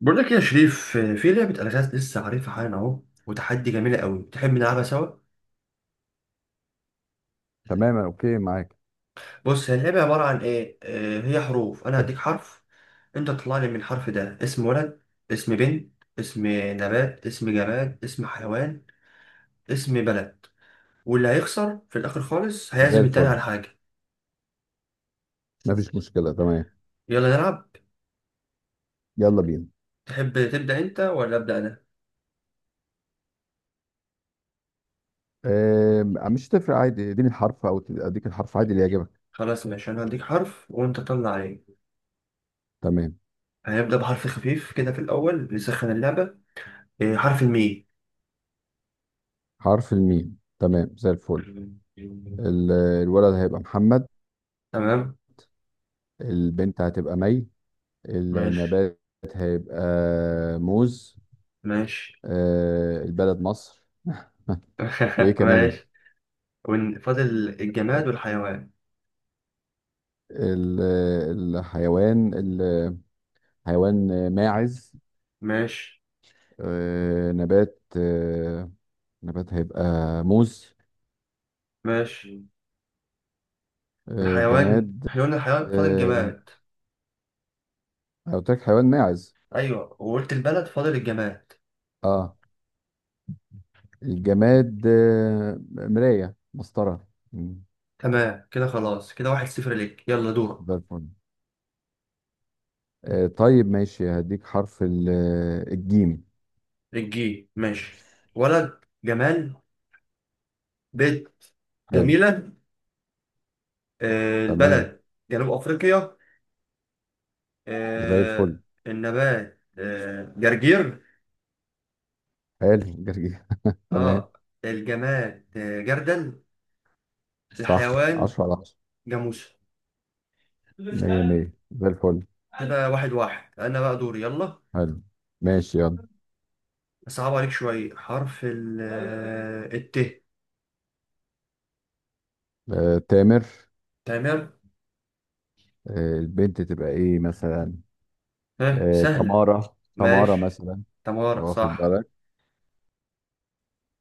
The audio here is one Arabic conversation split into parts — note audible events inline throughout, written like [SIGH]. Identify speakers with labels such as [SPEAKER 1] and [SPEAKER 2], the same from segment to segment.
[SPEAKER 1] بقول لك يا شريف في لعبة ألغاز لسه عارفها حالا أهو وتحدي جميلة قوي، تحب نلعبها سوا؟
[SPEAKER 2] تمام، اوكي معاك.
[SPEAKER 1] بص، هي اللعبة عبارة عن إيه؟ هي حروف. أنا هديك حرف، أنت تطلع لي من الحرف ده اسم ولد، اسم بنت، اسم نبات، اسم جماد، اسم حيوان، اسم بلد. واللي هيخسر في الآخر خالص
[SPEAKER 2] زي
[SPEAKER 1] هيعزم التاني
[SPEAKER 2] الفل،
[SPEAKER 1] على حاجة.
[SPEAKER 2] مفيش مشكله. تمام،
[SPEAKER 1] يلا نلعب.
[SPEAKER 2] يلا بينا.
[SPEAKER 1] تحب تبدأ أنت ولا أبدأ أنا؟
[SPEAKER 2] آه مش تفرق، عادي اديني الحرف او اديك الحرف عادي اللي يعجبك.
[SPEAKER 1] خلاص ماشي، أنا هديك حرف وأنت طلع عليه.
[SPEAKER 2] تمام،
[SPEAKER 1] هنبدأ بحرف خفيف كده في الأول نسخن اللعبة. حرف
[SPEAKER 2] حرف الميم. تمام، زي الفل.
[SPEAKER 1] الميم.
[SPEAKER 2] ال- الولد هيبقى محمد.
[SPEAKER 1] تمام.
[SPEAKER 2] البنت هتبقى مي.
[SPEAKER 1] ماشي.
[SPEAKER 2] النبات هيبقى موز.
[SPEAKER 1] ماشي.
[SPEAKER 2] البلد مصر. [LAUGHS] وايه
[SPEAKER 1] [LAUGHS]
[SPEAKER 2] كمان.
[SPEAKER 1] ماشي. فاضل الجماد والحيوان.
[SPEAKER 2] ال- الحيوان الحيوان ماعز.
[SPEAKER 1] ماشي.
[SPEAKER 2] آه، نبات آه، نبات هيبقى موز.
[SPEAKER 1] ماشي.
[SPEAKER 2] آه،
[SPEAKER 1] الحيوان،
[SPEAKER 2] جماد
[SPEAKER 1] احنا قلنا الحيوان، فاضل
[SPEAKER 2] آه،
[SPEAKER 1] الجماد.
[SPEAKER 2] أنا قلت لك حيوان ماعز.
[SPEAKER 1] ايوه، وقلت البلد، فاضل الجماد.
[SPEAKER 2] اه الجماد، مراية مسطرة. مم،
[SPEAKER 1] تمام كده. خلاص كده واحد صفر ليك، يلا دورك.
[SPEAKER 2] زي الفل. طيب ماشي، هديك حرف الجيم.
[SPEAKER 1] الجي ماشي. ولد جمال، بيت
[SPEAKER 2] حلو.
[SPEAKER 1] جميلة.
[SPEAKER 2] تمام،
[SPEAKER 1] البلد جنوب أفريقيا.
[SPEAKER 2] زي
[SPEAKER 1] آه.
[SPEAKER 2] الفل.
[SPEAKER 1] النبات جرجير.
[SPEAKER 2] حلو، جرجير. تمام،
[SPEAKER 1] اه. الجماد جردل.
[SPEAKER 2] صح.
[SPEAKER 1] الحيوان
[SPEAKER 2] 10 على 10.
[SPEAKER 1] جاموسة.
[SPEAKER 2] 100 100، زي الفل.
[SPEAKER 1] كده واحد واحد. أنا بقى دوري، يلا.
[SPEAKER 2] حلو، ماشي يلا.
[SPEAKER 1] أصعب عليك شوية. حرف ال الت.
[SPEAKER 2] تامر.
[SPEAKER 1] تمام.
[SPEAKER 2] البنت تبقى ايه مثلا؟
[SPEAKER 1] ها سهلة.
[SPEAKER 2] تمارة، تمارة
[SPEAKER 1] ماشي.
[SPEAKER 2] مثلا.
[SPEAKER 1] تمارة
[SPEAKER 2] واخد
[SPEAKER 1] صح.
[SPEAKER 2] بالك؟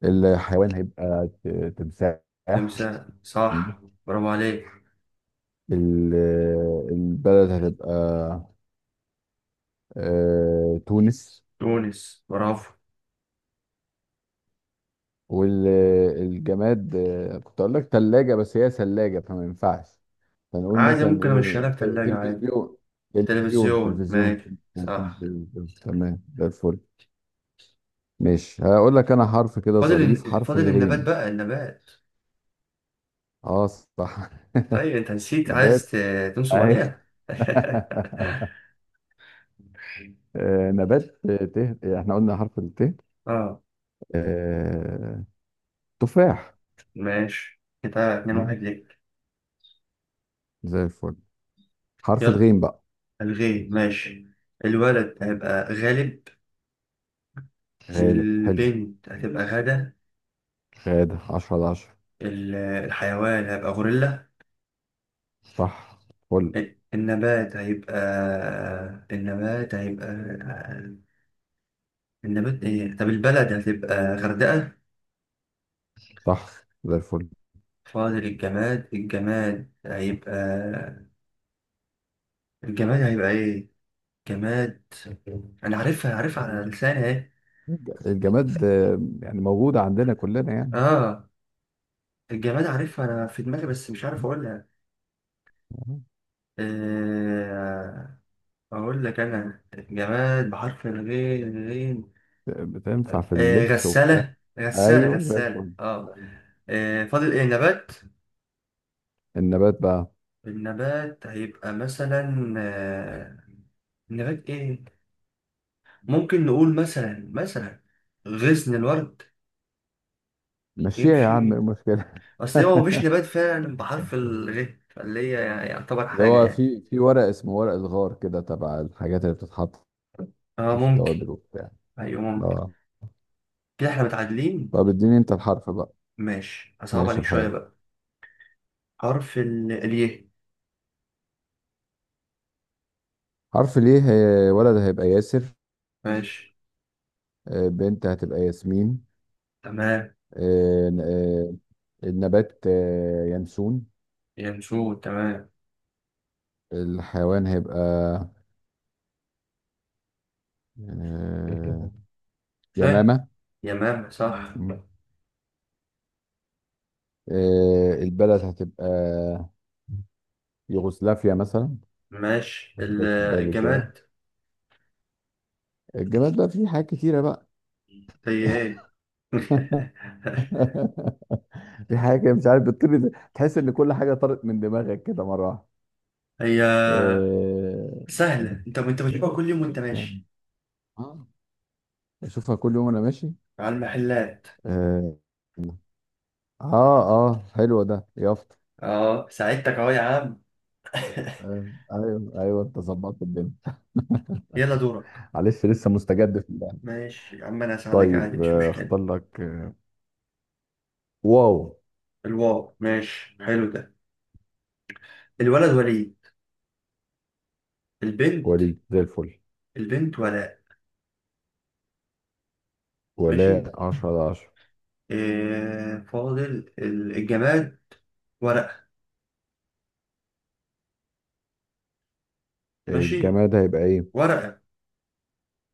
[SPEAKER 2] الحيوان هيبقى تمساح.
[SPEAKER 1] تمساح
[SPEAKER 2] مم.
[SPEAKER 1] صح. برافو عليك.
[SPEAKER 2] ال- البلد هتبقى تونس.
[SPEAKER 1] تونس برافو.
[SPEAKER 2] والجماد، كنت اقول لك ثلاجة بس هي ثلاجة فما ينفعش. فنقول
[SPEAKER 1] عادي،
[SPEAKER 2] مثلا
[SPEAKER 1] ممكن أمشيها
[SPEAKER 2] ايه،
[SPEAKER 1] لك تلاجة عادي.
[SPEAKER 2] تلفزيون، تلفزيون،
[SPEAKER 1] تلفزيون
[SPEAKER 2] تلفزيون،
[SPEAKER 1] ماشي صح.
[SPEAKER 2] تلفزيون. تمام، ده الفل. ماشي، هقول لك انا حرف كده
[SPEAKER 1] فاضل
[SPEAKER 2] ظريف، حرف
[SPEAKER 1] فاضل النبات
[SPEAKER 2] الغين.
[SPEAKER 1] بقى. النبات،
[SPEAKER 2] اه صح.
[SPEAKER 1] أي
[SPEAKER 2] [LAUGHS]
[SPEAKER 1] أنت نسيت، عايز
[SPEAKER 2] نبات
[SPEAKER 1] تنصب
[SPEAKER 2] اهي.
[SPEAKER 1] عليا. [LAUGHS]
[SPEAKER 2] [LAUGHS] آه، نبات آه، ته احنا قلنا حرف الت.
[SPEAKER 1] اه
[SPEAKER 2] آه، تفاح.
[SPEAKER 1] ماشي. كده اتنين
[SPEAKER 2] مم،
[SPEAKER 1] واحد ليك.
[SPEAKER 2] زي الفل. حرف
[SPEAKER 1] يلا.
[SPEAKER 2] الغين بقى.
[SPEAKER 1] الغيب ماشي. الولد هيبقى غالب.
[SPEAKER 2] غالب، حلو.
[SPEAKER 1] البنت هتبقى غدا.
[SPEAKER 2] غادة، 10 على 10.
[SPEAKER 1] الحيوان هيبقى غوريلا.
[SPEAKER 2] صح، فل.
[SPEAKER 1] النبات هيبقى النبات هيبقى النبات ايه؟ طب البلد هتبقى غردقة.
[SPEAKER 2] صح، زي الفل.
[SPEAKER 1] فاضل الجماد. الجماد هيبقى، الجماد هيبقى ايه؟ جماد. انا عارفها، عارفها على لساني اهي.
[SPEAKER 2] الجماد، يعني موجودة عندنا كلنا يعني.
[SPEAKER 1] اه. الجماد عارفها انا في دماغي بس مش عارف اقولها.
[SPEAKER 2] مم.
[SPEAKER 1] آه... أقول لك أنا جماد بحرف الغين غين.
[SPEAKER 2] بتنفع في اللبس وبتاع.
[SPEAKER 1] غسالة غسالة
[SPEAKER 2] ايوه، زي
[SPEAKER 1] غسالة
[SPEAKER 2] الفل.
[SPEAKER 1] أه. فاضل إيه، نبات.
[SPEAKER 2] النبات بقى،
[SPEAKER 1] النبات هيبقى مثلا نبات إيه؟ ممكن نقول مثلا غصن الورد.
[SPEAKER 2] مشيها يا عم، ايه
[SPEAKER 1] يمشي.
[SPEAKER 2] المشكلة؟
[SPEAKER 1] أصل هو مفيش
[SPEAKER 2] [LAUGHS]
[SPEAKER 1] نبات فعلا بحرف الغ فاللي هي يعتبر
[SPEAKER 2] اللي
[SPEAKER 1] حاجة
[SPEAKER 2] هو
[SPEAKER 1] يعني.
[SPEAKER 2] في ورق اسمه ورق الغار، كده تبع الحاجات اللي بتتحط
[SPEAKER 1] أه
[SPEAKER 2] في
[SPEAKER 1] ممكن.
[SPEAKER 2] التوابل وبتاع.
[SPEAKER 1] أيوه ممكن.
[SPEAKER 2] اه.
[SPEAKER 1] كده إحنا متعادلين.
[SPEAKER 2] طب اديني انت الحرف بقى.
[SPEAKER 1] ماشي، هصعب
[SPEAKER 2] ماشي
[SPEAKER 1] عليك شوية
[SPEAKER 2] الحال.
[SPEAKER 1] بقى. حرف ال اليه.
[SPEAKER 2] حرف ليه، ولد هيبقى ياسر.
[SPEAKER 1] ماشي.
[SPEAKER 2] بنت هتبقى ياسمين.
[SPEAKER 1] تمام.
[SPEAKER 2] آه، ن- آه، النبات ينسون.
[SPEAKER 1] ينسوه تمام.
[SPEAKER 2] الحيوان هيبقى آه،
[SPEAKER 1] [LAUGHS] ها.
[SPEAKER 2] يمامة.
[SPEAKER 1] يمام صح.
[SPEAKER 2] م. البلد هتبقى يوغوسلافيا مثلا،
[SPEAKER 1] ماشي.
[SPEAKER 2] جت في بالي كده.
[SPEAKER 1] الجماد.
[SPEAKER 2] الجماد بقى فيه حاجات كتيرة بقى.
[SPEAKER 1] هي ايه؟ [LAUGHS]
[SPEAKER 2] [LAUGHS] في حاجة كده مش عارف بتطير إزاي. تحس ان كل حاجة طارت من دماغك كده مرة واحدة.
[SPEAKER 1] هي
[SPEAKER 2] آه،
[SPEAKER 1] سهلة، انت بتجيبها كل يوم وانت
[SPEAKER 2] يعني.
[SPEAKER 1] ماشي
[SPEAKER 2] آه. بشوفها كل يوم انا ماشي.
[SPEAKER 1] على المحلات.
[SPEAKER 2] اه، اه. حلو، ده يافطة.
[SPEAKER 1] اه ساعدتك اهو يا عم. [LAUGHS]
[SPEAKER 2] ايوه، ايوه، انت ظبطت الدنيا.
[SPEAKER 1] يلا دورك.
[SPEAKER 2] معلش، لسه مستجد في اللعبه.
[SPEAKER 1] ماشي يا عم، انا هساعدك عادي
[SPEAKER 2] طيب،
[SPEAKER 1] مش مشكلة.
[SPEAKER 2] اختار لك واو.
[SPEAKER 1] الواو ماشي، حلو ده. الولد وليد. البنت.
[SPEAKER 2] وليد، زي الفل.
[SPEAKER 1] البنت ولاء. ماشي.
[SPEAKER 2] ولا، 10 على 10.
[SPEAKER 1] إيه فاضل؟ الجماد. ورقة. ماشي.
[SPEAKER 2] الجماد هيبقى ايه
[SPEAKER 1] ورقة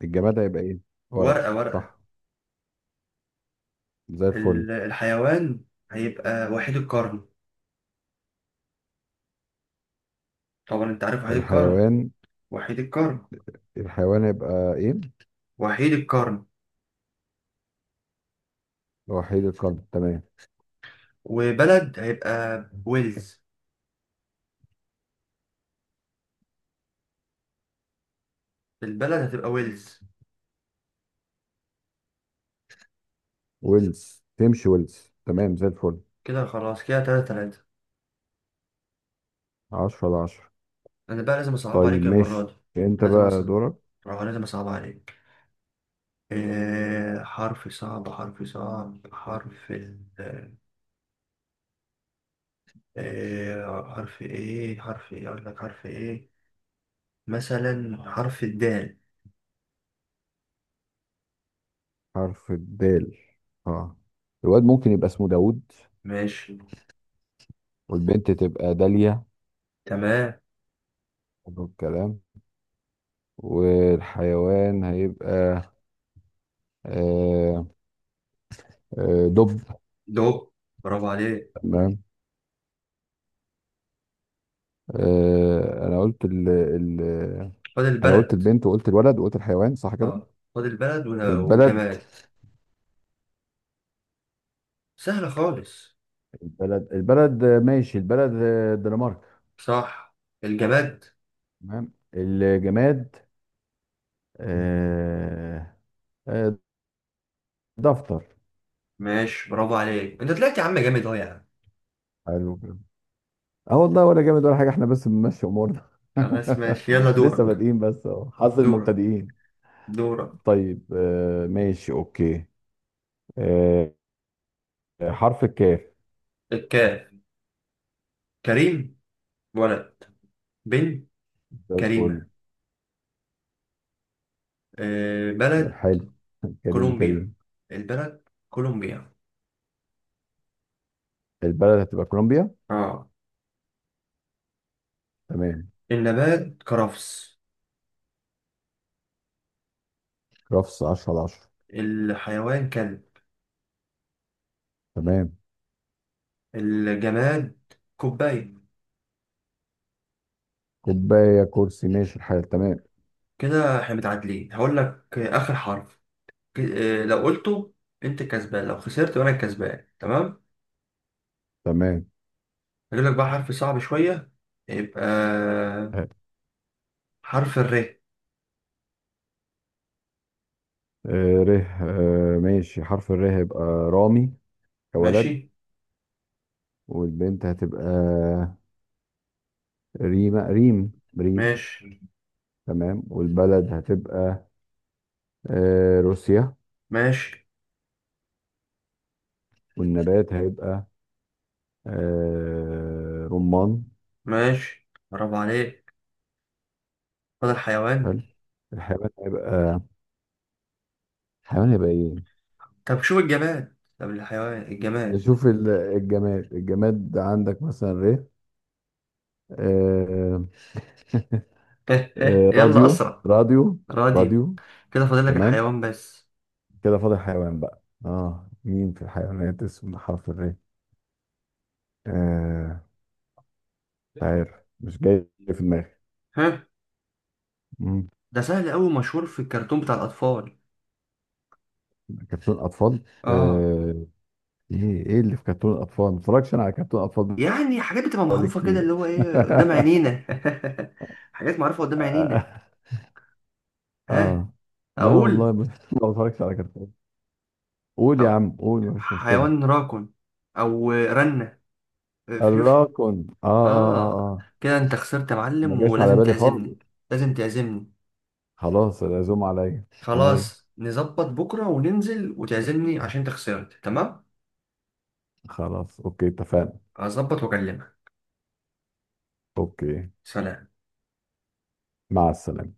[SPEAKER 2] الجماد هيبقى ايه؟ ورق.
[SPEAKER 1] ورقة ورقة.
[SPEAKER 2] صح، زي الفل.
[SPEAKER 1] الحيوان هيبقى وحيد القرن. طبعا انت عارف وحيد القرن.
[SPEAKER 2] الحيوان
[SPEAKER 1] وحيد القرن.
[SPEAKER 2] الحيوان هيبقى ايه؟
[SPEAKER 1] وحيد القرن.
[SPEAKER 2] وحيد القرن. تمام.
[SPEAKER 1] وبلد هيبقى ويلز. البلد هتبقى ويلز.
[SPEAKER 2] ويلز، تمشي ويلز. تمام، زي الفل.
[SPEAKER 1] كده خلاص، كده تلاتة تلاتة.
[SPEAKER 2] 10 على 10.
[SPEAKER 1] انا بقى لازم اصعب
[SPEAKER 2] طيب
[SPEAKER 1] عليك المرة
[SPEAKER 2] ماشي،
[SPEAKER 1] دي.
[SPEAKER 2] انت
[SPEAKER 1] لازم
[SPEAKER 2] بقى
[SPEAKER 1] اصعب.
[SPEAKER 2] دورك.
[SPEAKER 1] اه لازم اصعب عليك. إيه حرف صعب؟ حرف صعب؟ حرف ال، إيه حرف؟ ايه حرف؟ ايه اقول لك حرف ايه؟ مثلا حرف الدال.
[SPEAKER 2] حرف الدال. اه، الواد ممكن يبقى اسمه داوود.
[SPEAKER 1] ماشي.
[SPEAKER 2] والبنت تبقى داليا.
[SPEAKER 1] تمام.
[SPEAKER 2] حلو الكلام. والحيوان هيبقى آه، دب.
[SPEAKER 1] دو. برافو عليك.
[SPEAKER 2] تمام. آه، انا قلت ال ال
[SPEAKER 1] خد
[SPEAKER 2] انا قلت
[SPEAKER 1] البلد.
[SPEAKER 2] البنت وقلت الولد وقلت الحيوان، صح كده؟
[SPEAKER 1] اه خد البلد
[SPEAKER 2] البلد
[SPEAKER 1] والجماد. سهلة خالص.
[SPEAKER 2] البلد، ماشي. البلد الدنمارك.
[SPEAKER 1] صح. الجماد.
[SPEAKER 2] تمام. الجماد آه، آه، دفتر.
[SPEAKER 1] ماشي، برافو عليك. انت طلعت يا عم جامد اهو يا عم.
[SPEAKER 2] حلو. اه والله، ولا جامد ولا حاجه، احنا بس بنمشي امورنا.
[SPEAKER 1] خلاص ماشي، يلا
[SPEAKER 2] [LAUGHS] لسه
[SPEAKER 1] دورك.
[SPEAKER 2] بادئين بس اهو، حظ
[SPEAKER 1] دورك.
[SPEAKER 2] المبتدئين.
[SPEAKER 1] دورك.
[SPEAKER 2] طيب ماشي، اوكي. آه حرف الكاف.
[SPEAKER 1] الكاف. كريم ولد. بنت
[SPEAKER 2] زي الفل.
[SPEAKER 1] كريمة. بلد
[SPEAKER 2] حلو. [LAUGHS] كريم
[SPEAKER 1] كولومبيا.
[SPEAKER 2] وكريم.
[SPEAKER 1] البلد كولومبيا.
[SPEAKER 2] البلد هتبقى كولومبيا.
[SPEAKER 1] اه.
[SPEAKER 2] تمام.
[SPEAKER 1] النبات كرفس.
[SPEAKER 2] رفس، 10 على 10.
[SPEAKER 1] الحيوان كلب.
[SPEAKER 2] تمام.
[SPEAKER 1] الجماد كوباية.
[SPEAKER 2] كوبايه، كرسي، ماشي الحال. تمام.
[SPEAKER 1] كده احنا متعادلين. هقول لك آخر حرف. لو قلته انت كسبان، لو خسرت وانا كسبان تمام.
[SPEAKER 2] تمام،
[SPEAKER 1] هجيب لك بقى حرف صعب شوية. يبقى
[SPEAKER 2] آه
[SPEAKER 1] حرف الر.
[SPEAKER 2] ر آه ماشي، حرف الر هيبقى رامي كولد.
[SPEAKER 1] ماشي.
[SPEAKER 2] والبنت هتبقى ريما، ريم، ريم.
[SPEAKER 1] ماشي.
[SPEAKER 2] تمام. والبلد هتبقى روسيا.
[SPEAKER 1] ماشي.
[SPEAKER 2] والنبات هيبقى رمان.
[SPEAKER 1] ماشي، برافو عليك. فاضل حيوان.
[SPEAKER 2] حلو. الحيوان هيبقى الحيوان هيبقى ايه؟
[SPEAKER 1] طب شوف الجماد. طب الحيوان الجماد.
[SPEAKER 2] نشوف، الجماد عندك مثلا ريه. آه، [LAUGHS]
[SPEAKER 1] [LAUGHS] هه هه، يلا
[SPEAKER 2] راديو،
[SPEAKER 1] اسرع.
[SPEAKER 2] راديو،
[SPEAKER 1] راديو.
[SPEAKER 2] راديو.
[SPEAKER 1] كده فاضل لك
[SPEAKER 2] تمام.
[SPEAKER 1] الحيوان بس.
[SPEAKER 2] كده فاضل حيوان بقى. اه، مين في الحيوانات اسمه حرف الري؟ آه مش عارف، مش جاي في دماغي.
[SPEAKER 1] ها.
[SPEAKER 2] مم.
[SPEAKER 1] ده سهل قوي، مشهور في الكرتون بتاع الاطفال.
[SPEAKER 2] كرتون اطفال،
[SPEAKER 1] اه.
[SPEAKER 2] ايه اللي في كرتون الاطفال؟ ما اتفرجش انا على كرتون اطفال
[SPEAKER 1] يعني حاجات بتبقى
[SPEAKER 2] بقالي
[SPEAKER 1] معروفة كده،
[SPEAKER 2] كتير.
[SPEAKER 1] اللي هو ايه، قدام عينينا.
[SPEAKER 2] [LAUGHS]
[SPEAKER 1] [LAUGHS] حاجات معروفة قدام عينينا. ها.
[SPEAKER 2] اه، لا
[SPEAKER 1] اقول؟
[SPEAKER 2] والله، ما بتفرجش على كرتون. قول يا
[SPEAKER 1] أو
[SPEAKER 2] عم، قول، مفيش مشكلة.
[SPEAKER 1] حيوان راكن او رنة. فيوش.
[SPEAKER 2] الراكون، اه، اه، اه،
[SPEAKER 1] اه.
[SPEAKER 2] اه.
[SPEAKER 1] كده انت خسرت يا
[SPEAKER 2] ما
[SPEAKER 1] معلم،
[SPEAKER 2] جاش على
[SPEAKER 1] ولازم
[SPEAKER 2] بالي خالص.
[SPEAKER 1] تعزمني. لازم تعزمني.
[SPEAKER 2] خلاص، العزوم عليا. عينيا.
[SPEAKER 1] خلاص نظبط بكرة وننزل وتعزمني عشان انت خسرت تمام.
[SPEAKER 2] خلاص، اوكي، اتفقنا.
[SPEAKER 1] هظبط واكلمك.
[SPEAKER 2] اوكي،
[SPEAKER 1] سلام.
[SPEAKER 2] مع السلامة.